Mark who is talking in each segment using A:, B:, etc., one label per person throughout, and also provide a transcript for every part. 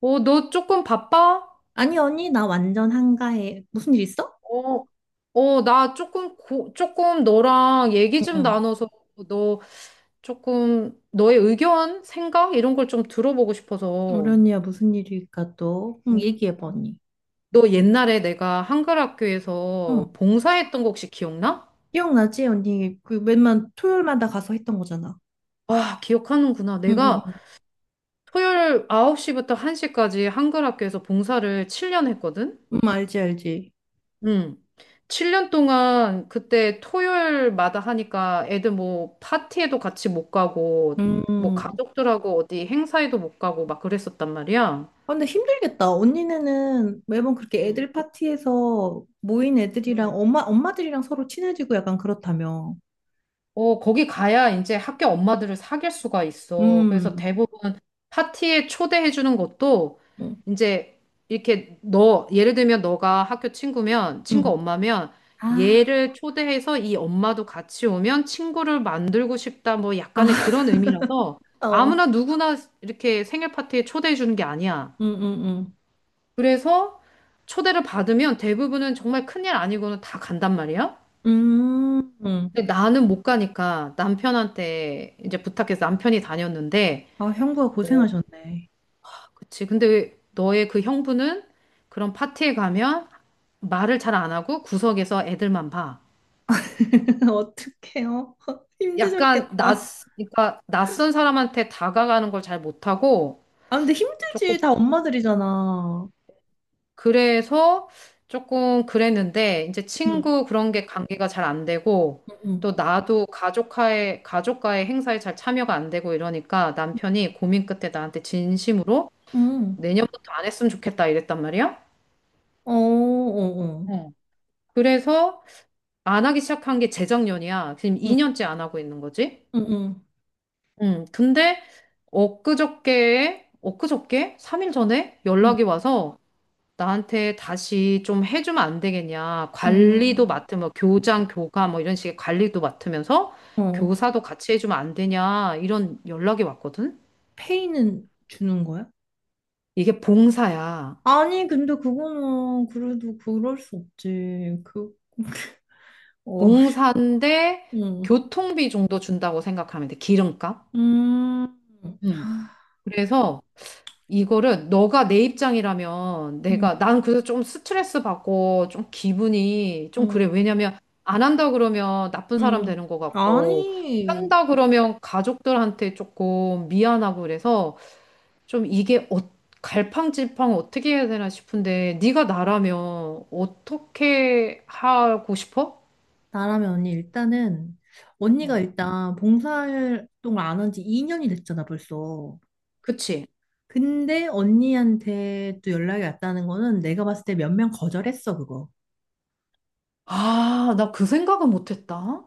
A: 너 조금 바빠?
B: 아니, 언니, 나 완전 한가해. 무슨 일 있어?
A: 어, 나 조금, 조금 너랑 얘기
B: 응,
A: 좀
B: 응.
A: 나눠서 너 조금 너의 의견, 생각 이런 걸 좀 들어보고
B: 우리
A: 싶어서.
B: 언니야, 무슨 일일까 또? 응,
A: 응.
B: 얘기해봐, 언니.
A: 너 옛날에 내가 한글
B: 응.
A: 학교에서 봉사했던 거 혹시 기억나?
B: 기억나지, 언니? 그 맨만 토요일마다 가서 했던 거잖아.
A: 아, 기억하는구나.
B: 응, 응,
A: 내가
B: 응.
A: 토요일 9시부터 1시까지 한글 학교에서 봉사를 7년 했거든?
B: 응, 알지, 알지.
A: 음. 7년 동안 그때 토요일마다 하니까 애들 뭐 파티에도 같이 못 가고 뭐
B: 음.
A: 가족들하고 어디 행사에도 못 가고 막 그랬었단 말이야.
B: 아, 근데 힘들겠다. 언니네는 매번 그렇게
A: 음.
B: 애들 파티에서 모인 애들이랑
A: 음.
B: 엄마, 엄마들이랑 서로 친해지고 약간 그렇다며.
A: 어, 거기 가야 이제 학교 엄마들을 사귈 수가 있어. 그래서
B: 음.
A: 대부분 파티에 초대해 주는 것도
B: 응,
A: 이제 이렇게 너, 예를 들면 너가 학교 친구면, 친구
B: 응.
A: 엄마면
B: 아,
A: 얘를 초대해서 이 엄마도 같이 오면 친구를 만들고 싶다. 뭐
B: 아,
A: 약간의 그런 의미라서
B: 어.
A: 아무나 누구나 이렇게 생일 파티에 초대해 주는 게 아니야.
B: 응, 응,
A: 그래서 초대를 받으면 대부분은 정말 큰일 아니고는 다 간단 말이야.
B: 응. 음.
A: 근데 나는 못 가니까 남편한테 이제 부탁해서 남편이 다녔는데,
B: 아, 형부가
A: 어,
B: 고생하셨네.
A: 그치. 근데 너의 그 형부는 그런 파티에 가면 말을 잘 안 하고 구석에서 애들만 봐.
B: 어떡해요?
A: 약간 낯,
B: 힘드셨겠다.
A: 그러니까 낯선 사람한테 다가가는 걸 잘 못하고
B: 아, 근데
A: 조금
B: 힘들지. 다 엄마들이잖아.
A: 그래서 조금 그랬는데 이제
B: 응,
A: 친구 그런 게 관계가 잘 안 되고
B: 응,
A: 또 나도 가족과의 행사에 잘 참여가 안 되고 이러니까
B: 응.
A: 남편이 고민 끝에 나한테 진심으로
B: 응.
A: 내년부터 안 했으면 좋겠다 이랬단 말이야.
B: 어, 어, 어.
A: 어. 그래서 안 하기 시작한 게 재작년이야. 지금
B: 응,
A: 2년째 안 하고 있는 거지.
B: 응,
A: 근데 엊그저께? 3일 전에
B: 응.
A: 연락이 와서 나한테 다시 좀 해주면 안 되겠냐. 관리도
B: 응.
A: 맡으면 교장, 교감 뭐 이런 식의 관리도 맡으면서
B: 어, 어.
A: 교사도 같이 해주면 안 되냐. 이런 연락이 왔거든.
B: 페이는 주는 거야?
A: 이게 봉사야.
B: 아니, 근데 그거는 그래도 그럴 수 없지. 그, 어,
A: 봉사인데
B: 응.
A: 교통비 정도 준다고 생각하면 돼. 기름값.
B: 음,
A: 음. 그래서 이거를 너가 내 입장이라면
B: 응,
A: 내가 난 그래서 좀 스트레스 받고 좀 기분이 좀 그래.
B: 응,
A: 왜냐면 안 한다 그러면 나쁜 사람
B: 응.
A: 되는 것 같고
B: 아니.
A: 한다 그러면 가족들한테 조금 미안하고 그래서 좀 이게 갈팡질팡 어떻게 해야 되나 싶은데 네가 나라면 어떻게 하고 싶어?
B: 나라면 언니 일단은 언니가
A: 어,
B: 일단 봉사활동을 안 한 지 2년이 됐잖아 벌써.
A: 그치?
B: 근데 언니한테 또 연락이 왔다는 거는 내가 봤을 때 몇 명 거절했어 그거.
A: 아, 나 그 생각은 못했다.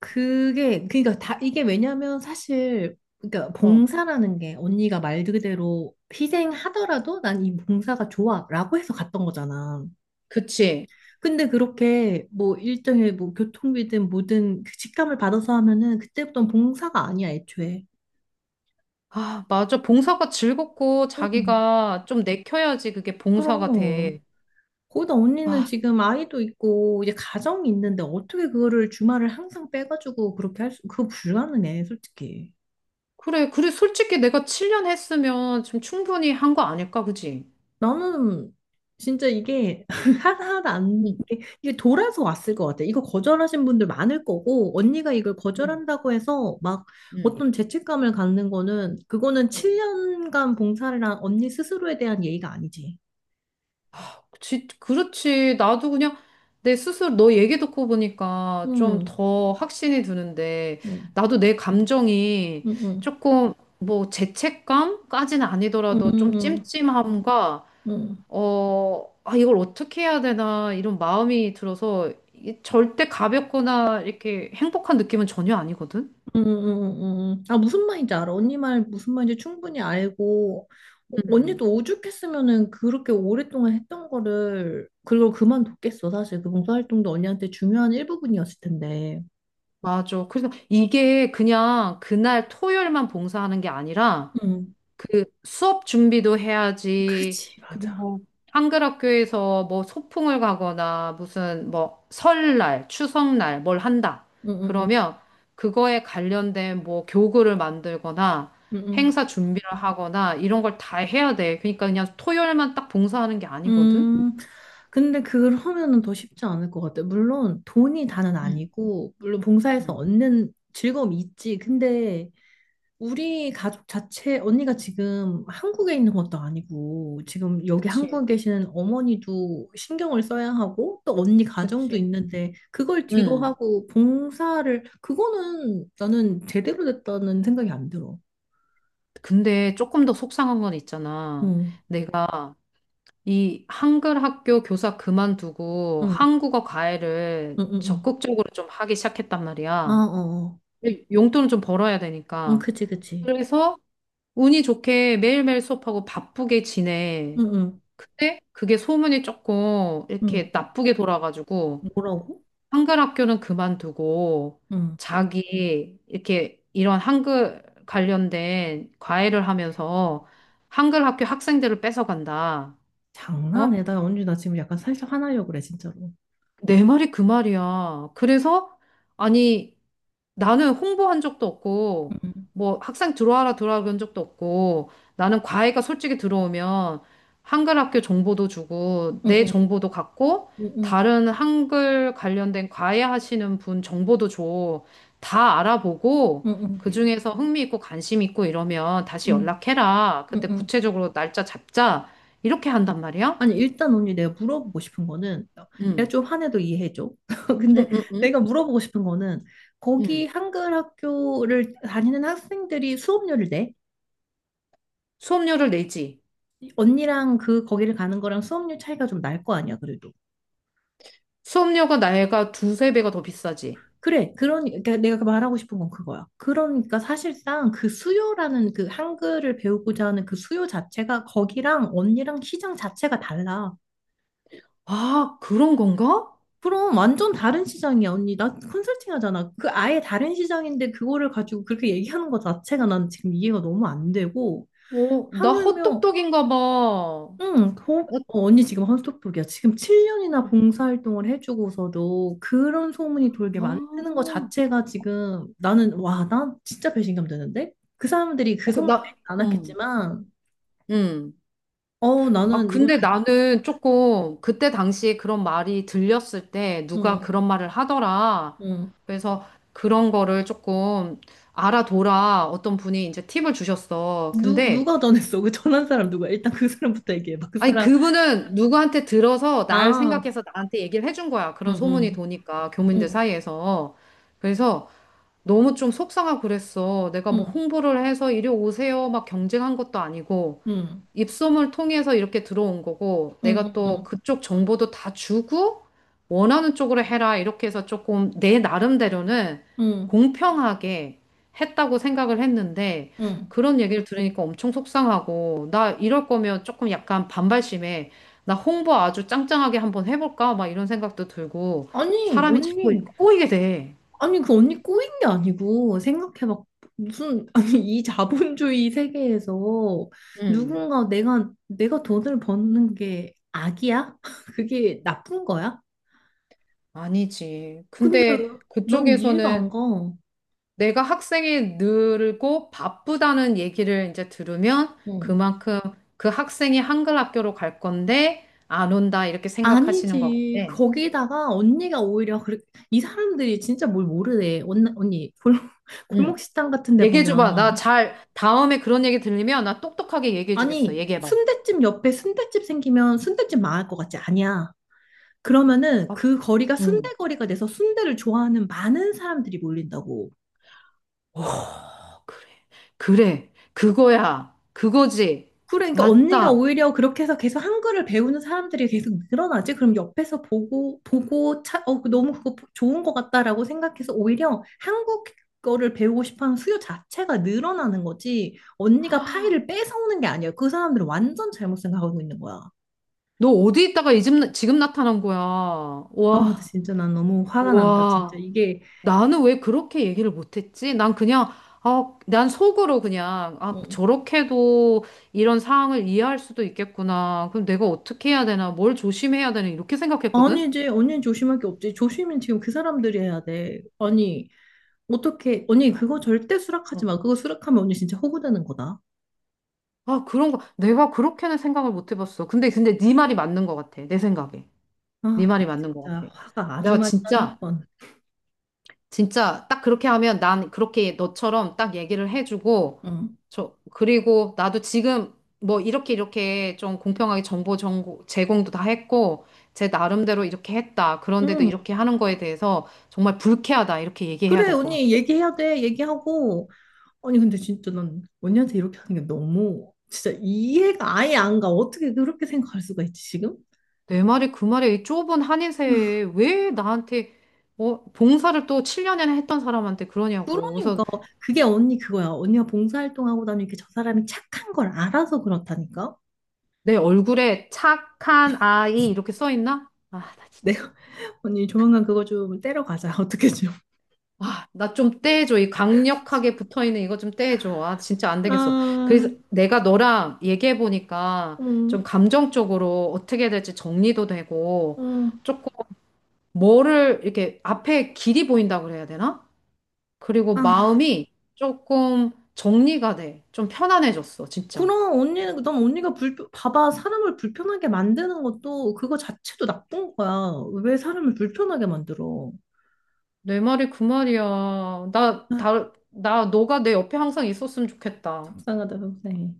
B: 그게 그러니까 다 이게 왜냐면 사실 그러니까
A: 어,
B: 봉사라는 게 언니가 말 그대로 희생하더라도 난 이 봉사가 좋아라고 해서 갔던 거잖아.
A: 그치?
B: 근데 그렇게 뭐 일정의 뭐 교통비든 뭐든 그 직감을 받아서 하면은 그때부터는 봉사가 아니야 애초에.
A: 아, 맞아. 봉사가 즐겁고
B: 응.
A: 자기가 좀 내켜야지 그게 봉사가
B: 그럼.
A: 돼.
B: 거기다 언니는
A: 아,
B: 지금 아이도 있고 이제 가정이 있는데 어떻게 그거를 주말을 항상 빼가지고 그렇게 할 수, 그거 불가능해, 솔직히.
A: 그래. 그래. 솔직히 내가 7년 했으면 좀 충분히 한 거 아닐까, 그지?
B: 나는 진짜 이게 하나하나 안,
A: 응,
B: 이게 돌아서 왔을 것 같아. 이거 거절하신 분들 많을 거고 언니가 이걸
A: 응,
B: 거절한다고 해서 막
A: 응.
B: 어떤 죄책감을 갖는 거는 그거는
A: 응.
B: 7년간 봉사를 한 언니 스스로에 대한 예의가 아니지.
A: 그치, 그렇지. 나도 그냥 내 스스로 너 얘기 듣고 보니까 좀
B: 응,
A: 더 확신이 드는데
B: 응,
A: 나도 내 감정이
B: 응, 응,
A: 조금 뭐 죄책감까지는
B: 응,
A: 아니더라도 좀
B: 응.
A: 찜찜함과
B: 응.
A: 아, 이걸 어떻게 해야 되나, 이런 마음이 들어서, 이게 절대 가볍거나 이렇게 행복한 느낌은 전혀 아니거든?
B: 음. 음. 아, 무슨 말인지 알아. 언니 말 무슨 말인지 충분히 알고, 어,
A: 음.
B: 언니도 오죽했으면은 그렇게 오랫동안 했던 거를, 그걸 그만뒀겠어. 사실 그 봉사활동도 언니한테 중요한 일부분이었을 텐데.
A: 맞아. 그래서 이게 그냥 그날 토요일만 봉사하는 게 아니라,
B: 음,
A: 그 수업 준비도 해야지.
B: 그치, 맞아.
A: 그리고 한글 학교에서 뭐 소풍을 가거나 무슨 뭐 설날, 추석날 뭘 한다.
B: 음, 음,
A: 그러면 그거에 관련된 뭐 교구를 만들거나
B: 음, 음.
A: 행사 준비를 하거나 이런 걸 다 해야 돼. 그러니까 그냥 토요일만 딱 봉사하는 게 아니거든.
B: 음, 음. 근데 그걸 하면은 더 쉽지 않을 것 같아. 물론 돈이 다는
A: 응,
B: 아니고, 물론 봉사에서
A: 응.
B: 얻는 즐거움이 있지. 근데 우리 가족 자체, 언니가 지금 한국에 있는 것도 아니고, 지금 여기
A: 그치,
B: 한국에 계시는 어머니도 신경을 써야 하고, 또 언니 가정도
A: 그치.
B: 있는데, 그걸 뒤로
A: 응.
B: 하고, 봉사를, 그거는 나는 제대로 됐다는 생각이 안 들어.
A: 근데 조금 더 속상한 건 있잖아. 응,
B: 응,
A: 내가 이 한글 학교 교사 그만두고
B: 응,
A: 한국어
B: 응,
A: 과외를
B: 응, 응.
A: 적극적으로 좀 하기 시작했단
B: 아,
A: 말이야.
B: 어, 어.
A: 근데 용돈을 좀 벌어야
B: 응,
A: 되니까.
B: 그치, 그치.
A: 그래서 운이 좋게 매일매일 수업하고 바쁘게 지내.
B: 응, 응,
A: 근데 그게 소문이 조금
B: 응.
A: 이렇게 나쁘게 돌아가지고
B: 뭐라고?
A: 한글 학교는 그만두고
B: 응.
A: 자기 이렇게 이런 한글 관련된 과외를 하면서 한글 학교 학생들을 뺏어간다.
B: 장난해.
A: 어?
B: 나 언니, 나 지금 약간 살짝 화나려고 그래, 진짜로.
A: 내 말이 그 말이야. 그래서, 아니, 나는 홍보한 적도
B: 응,
A: 없고,
B: 응,
A: 뭐, 학생 들어와라, 들어와라 그런 적도 없고, 나는 과외가 솔직히 들어오면, 한글 학교 정보도 주고, 내
B: 응,
A: 정보도 갖고,
B: 응, 응,
A: 다른 한글 관련된 과외 하시는 분 정보도 줘. 다 알아보고,
B: 응,
A: 그중에서 흥미 있고 관심 있고 이러면 다시
B: 응,
A: 연락해라.
B: 응,
A: 그때
B: 응.
A: 구체적으로 날짜 잡자. 이렇게 한단 말이야?
B: 아니, 일단 언니 내가 물어보고 싶은 거는, 내가
A: 응,
B: 좀 화내도 이해해줘. 근데
A: 응, 응, 응.
B: 내가 물어보고 싶은 거는, 거기
A: 응.
B: 한글 학교를 다니는 학생들이 수업료를 내?
A: 수업료를 내지.
B: 언니랑 그, 거기를 가는 거랑 수업료 차이가 좀 날 거 아니야, 그래도.
A: 수업료가 나이가 두세 배가 더 비싸지.
B: 그래, 그러니까 내가 말하고 싶은 건 그거야. 그러니까 사실상 그 수요라는 그 한글을 배우고자 하는 그 수요 자체가 거기랑 언니랑 시장 자체가 달라.
A: 아, 그런 건가?
B: 그럼 완전 다른 시장이야, 언니. 나 컨설팅 하잖아. 그 아예 다른 시장인데 그거를 가지고 그렇게 얘기하는 것 자체가 난 지금 이해가 너무 안 되고.
A: 어, 나
B: 하물며,
A: 헛똑똑인가 봐.
B: 응, 거- 어, 언니 지금 스떡도리야 지금 7년이나 봉사활동을 해주고서도 그런 소문이 돌게 만드는 것
A: 아,
B: 자체가 지금 나는, 와, 난 진짜 배신감 드는데? 그 사람들이 그
A: 어, 그,
B: 소문을
A: 나,
B: 내지
A: 음,
B: 않았겠지만,
A: 음.
B: 어,
A: 아,
B: 나는 이건
A: 근데
B: 아니,
A: 나는 조금 그때 당시에 그런 말이 들렸을 때 누가
B: 응,
A: 그런 말을 하더라.
B: 응.
A: 그래서 그런 거를 조금 알아둬라. 어떤 분이 이제 팁을 주셨어.
B: 누,
A: 근데
B: 누가 전했어? 그 전한 사람 누구야? 일단 그 사람부터 얘기해봐. 그
A: 아니,
B: 사람.
A: 그분은 누구한테 들어서 날
B: 아.
A: 생각해서 나한테 얘기를 해준 거야. 그런 소문이
B: 응,
A: 도니까, 교민들
B: 응,
A: 사이에서. 그래서 너무 좀 속상하고 그랬어. 내가 뭐
B: 응,
A: 홍보를 해서 이리 오세요. 막 경쟁한 것도 아니고.
B: 응, 응,
A: 입소문 통해서 이렇게 들어온 거고, 내가
B: 응,
A: 또
B: 응,
A: 그쪽 정보도 다 주고, 원하는 쪽으로 해라. 이렇게 해서 조금 내 나름대로는
B: 응,
A: 공평하게 했다고 생각을 했는데,
B: 응.
A: 그런 얘기를 들으니까 엄청 속상하고, 나 이럴 거면 조금 약간 반발심에, 나 홍보 아주 짱짱하게 한번 해볼까? 막 이런 생각도 들고,
B: 아니,
A: 사람이 자꾸
B: 언니,
A: 꼬이게 돼.
B: 아니, 그 언니 꼬인 게 아니고, 생각해 봐. 무슨, 아니, 이 자본주의 세계에서
A: 음,
B: 누군가 내가 돈을 버는 게 악이야? 그게 나쁜 거야?
A: 아니지.
B: 근데
A: 근데
B: 넌 이해가 안
A: 그쪽에서는
B: 가.
A: 내가 학생이 늘고 바쁘다는 얘기를 이제 들으면
B: 응.
A: 그만큼 그 학생이 한글 학교로 갈 건데 안 온다 이렇게 생각하시는 것
B: 아니지.
A: 같아.
B: 거기다가 언니가 오히려, 그래, 이 사람들이 진짜 뭘 모르네. 언니, 언니, 골
A: 응.
B: 골목 식당 같은 데
A: 얘기해 줘봐. 나
B: 보면.
A: 잘 다음에 그런 얘기 들리면 나 똑똑하게 얘기해 주겠어.
B: 아니,
A: 얘기해 봐.
B: 순댓집 옆에 순댓집 생기면 순댓집 망할 것 같지? 아니야. 그러면은
A: 아,
B: 그
A: 그래.
B: 거리가 순대
A: 응.
B: 거리가 돼서 순대를 좋아하는 많은 사람들이 몰린다고.
A: 오, 그래. 그래. 그거야. 그거지.
B: 그래, 그러니까 언니가
A: 맞다.
B: 오히려 그렇게 해서 계속 한글을 배우는 사람들이 계속 늘어나지? 그럼 옆에서 보고, 차, 어, 그 너무 그거 좋은 것 같다라고 생각해서 오히려 한국 거를 배우고 싶어 하는 수요 자체가 늘어나는 거지. 언니가 파일을 뺏어오는 게 아니야. 그 사람들은 완전 잘못 생각하고 있는 거야.
A: 너 어디 있다가 이 집- 나- 지금 나타난 거야.
B: 아, 근데
A: 와,
B: 진짜 난 너무 화가 난다, 진짜.
A: 와.
B: 이게.
A: 나는 왜 그렇게 얘기를 못했지? 난 그냥, 아, 난 속으로 그냥, 아,
B: 어.
A: 저렇게도 이런 상황을 이해할 수도 있겠구나. 그럼 내가 어떻게 해야 되나? 뭘 조심해야 되나? 이렇게 생각했거든?
B: 아니지, 언니 조심할 게 없지. 조심은 지금 그 사람들이 해야 돼. 아니, 어떻게, 언니 그거 절대 수락하지
A: 응.
B: 마. 그거 수락하면 언니 진짜 호구되는 거다.
A: 아, 그런 거. 내가 그렇게는 생각을 못 해봤어. 근데 네 말이 맞는 것 같아. 내 생각에.
B: 아,
A: 네 말이
B: 나
A: 맞는 것
B: 진짜
A: 같아.
B: 화가 아주
A: 내가
B: 많이 나는
A: 진짜
B: 건.
A: 진짜 딱 그렇게 하면 난 그렇게 너처럼 딱 얘기를 해주고
B: 응,
A: 저 그리고 나도 지금 뭐 이렇게 이렇게 좀 공평하게 정보 제공도 다 했고 제 나름대로 이렇게 했다. 그런데도
B: 응.
A: 이렇게 하는 거에 대해서 정말 불쾌하다. 이렇게 얘기해야
B: 그래,
A: 될 것 같아.
B: 언니 얘기해야 돼. 얘기하고. 아니, 근데 진짜 난 언니한테 이렇게 하는 게 너무 진짜 이해가 아예 안 가. 어떻게 그렇게 생각할 수가 있지, 지금?
A: 내 말이 그 말이 이 좁은 한인세에 왜 나한테 봉사를 또 7년이나 했던 사람한테 그러냐고.
B: 그러니까
A: 그래서
B: 그게 언니 그거야. 언니가 봉사활동하고 다니는 게 저 사람이 착한 걸 알아서 그렇다니까.
A: 내 얼굴에 착한 아이 이렇게 써 있나? 아, 나
B: 네,
A: 진짜.
B: 언니 조만간 그거 좀 떼러 가자. 어떻게 좀.
A: 아 나 좀 떼해줘. 이 강력하게 붙어있는 이거 좀 떼해줘. 아, 진짜 안 되겠어.
B: 아,
A: 그래서 내가 너랑 얘기해보니까 좀
B: 음,
A: 감정적으로 어떻게 해야 될지 정리도 되고
B: 음.
A: 조금 뭐를 이렇게 앞에 길이 보인다 그래야 되나? 그리고
B: 아,
A: 마음이 조금 정리가 돼. 좀 편안해졌어, 진짜.
B: 그럼 언니는 넌 언니가 불 봐봐 사람을 불편하게 만드는 것도 그거 자체도 나쁜 거야. 왜 사람을 불편하게 만들어?
A: 내 말이 그 말이야.
B: 아,
A: 너가 내 옆에 항상 있었으면 좋겠다.
B: 속상하다 속상해.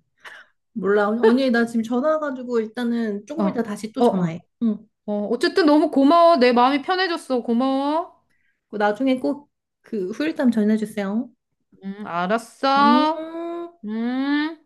B: 몰라 언니 나 지금 전화 와가지고 일단은
A: 어,
B: 조금 이따 다시 또
A: 어, 어.
B: 전화해. 응.
A: 어, 어쨌든 너무 고마워. 내 마음이 편해졌어. 고마워.
B: 나중에 꼭 그 후일담 전해주세요. 음.
A: 알았어. 음.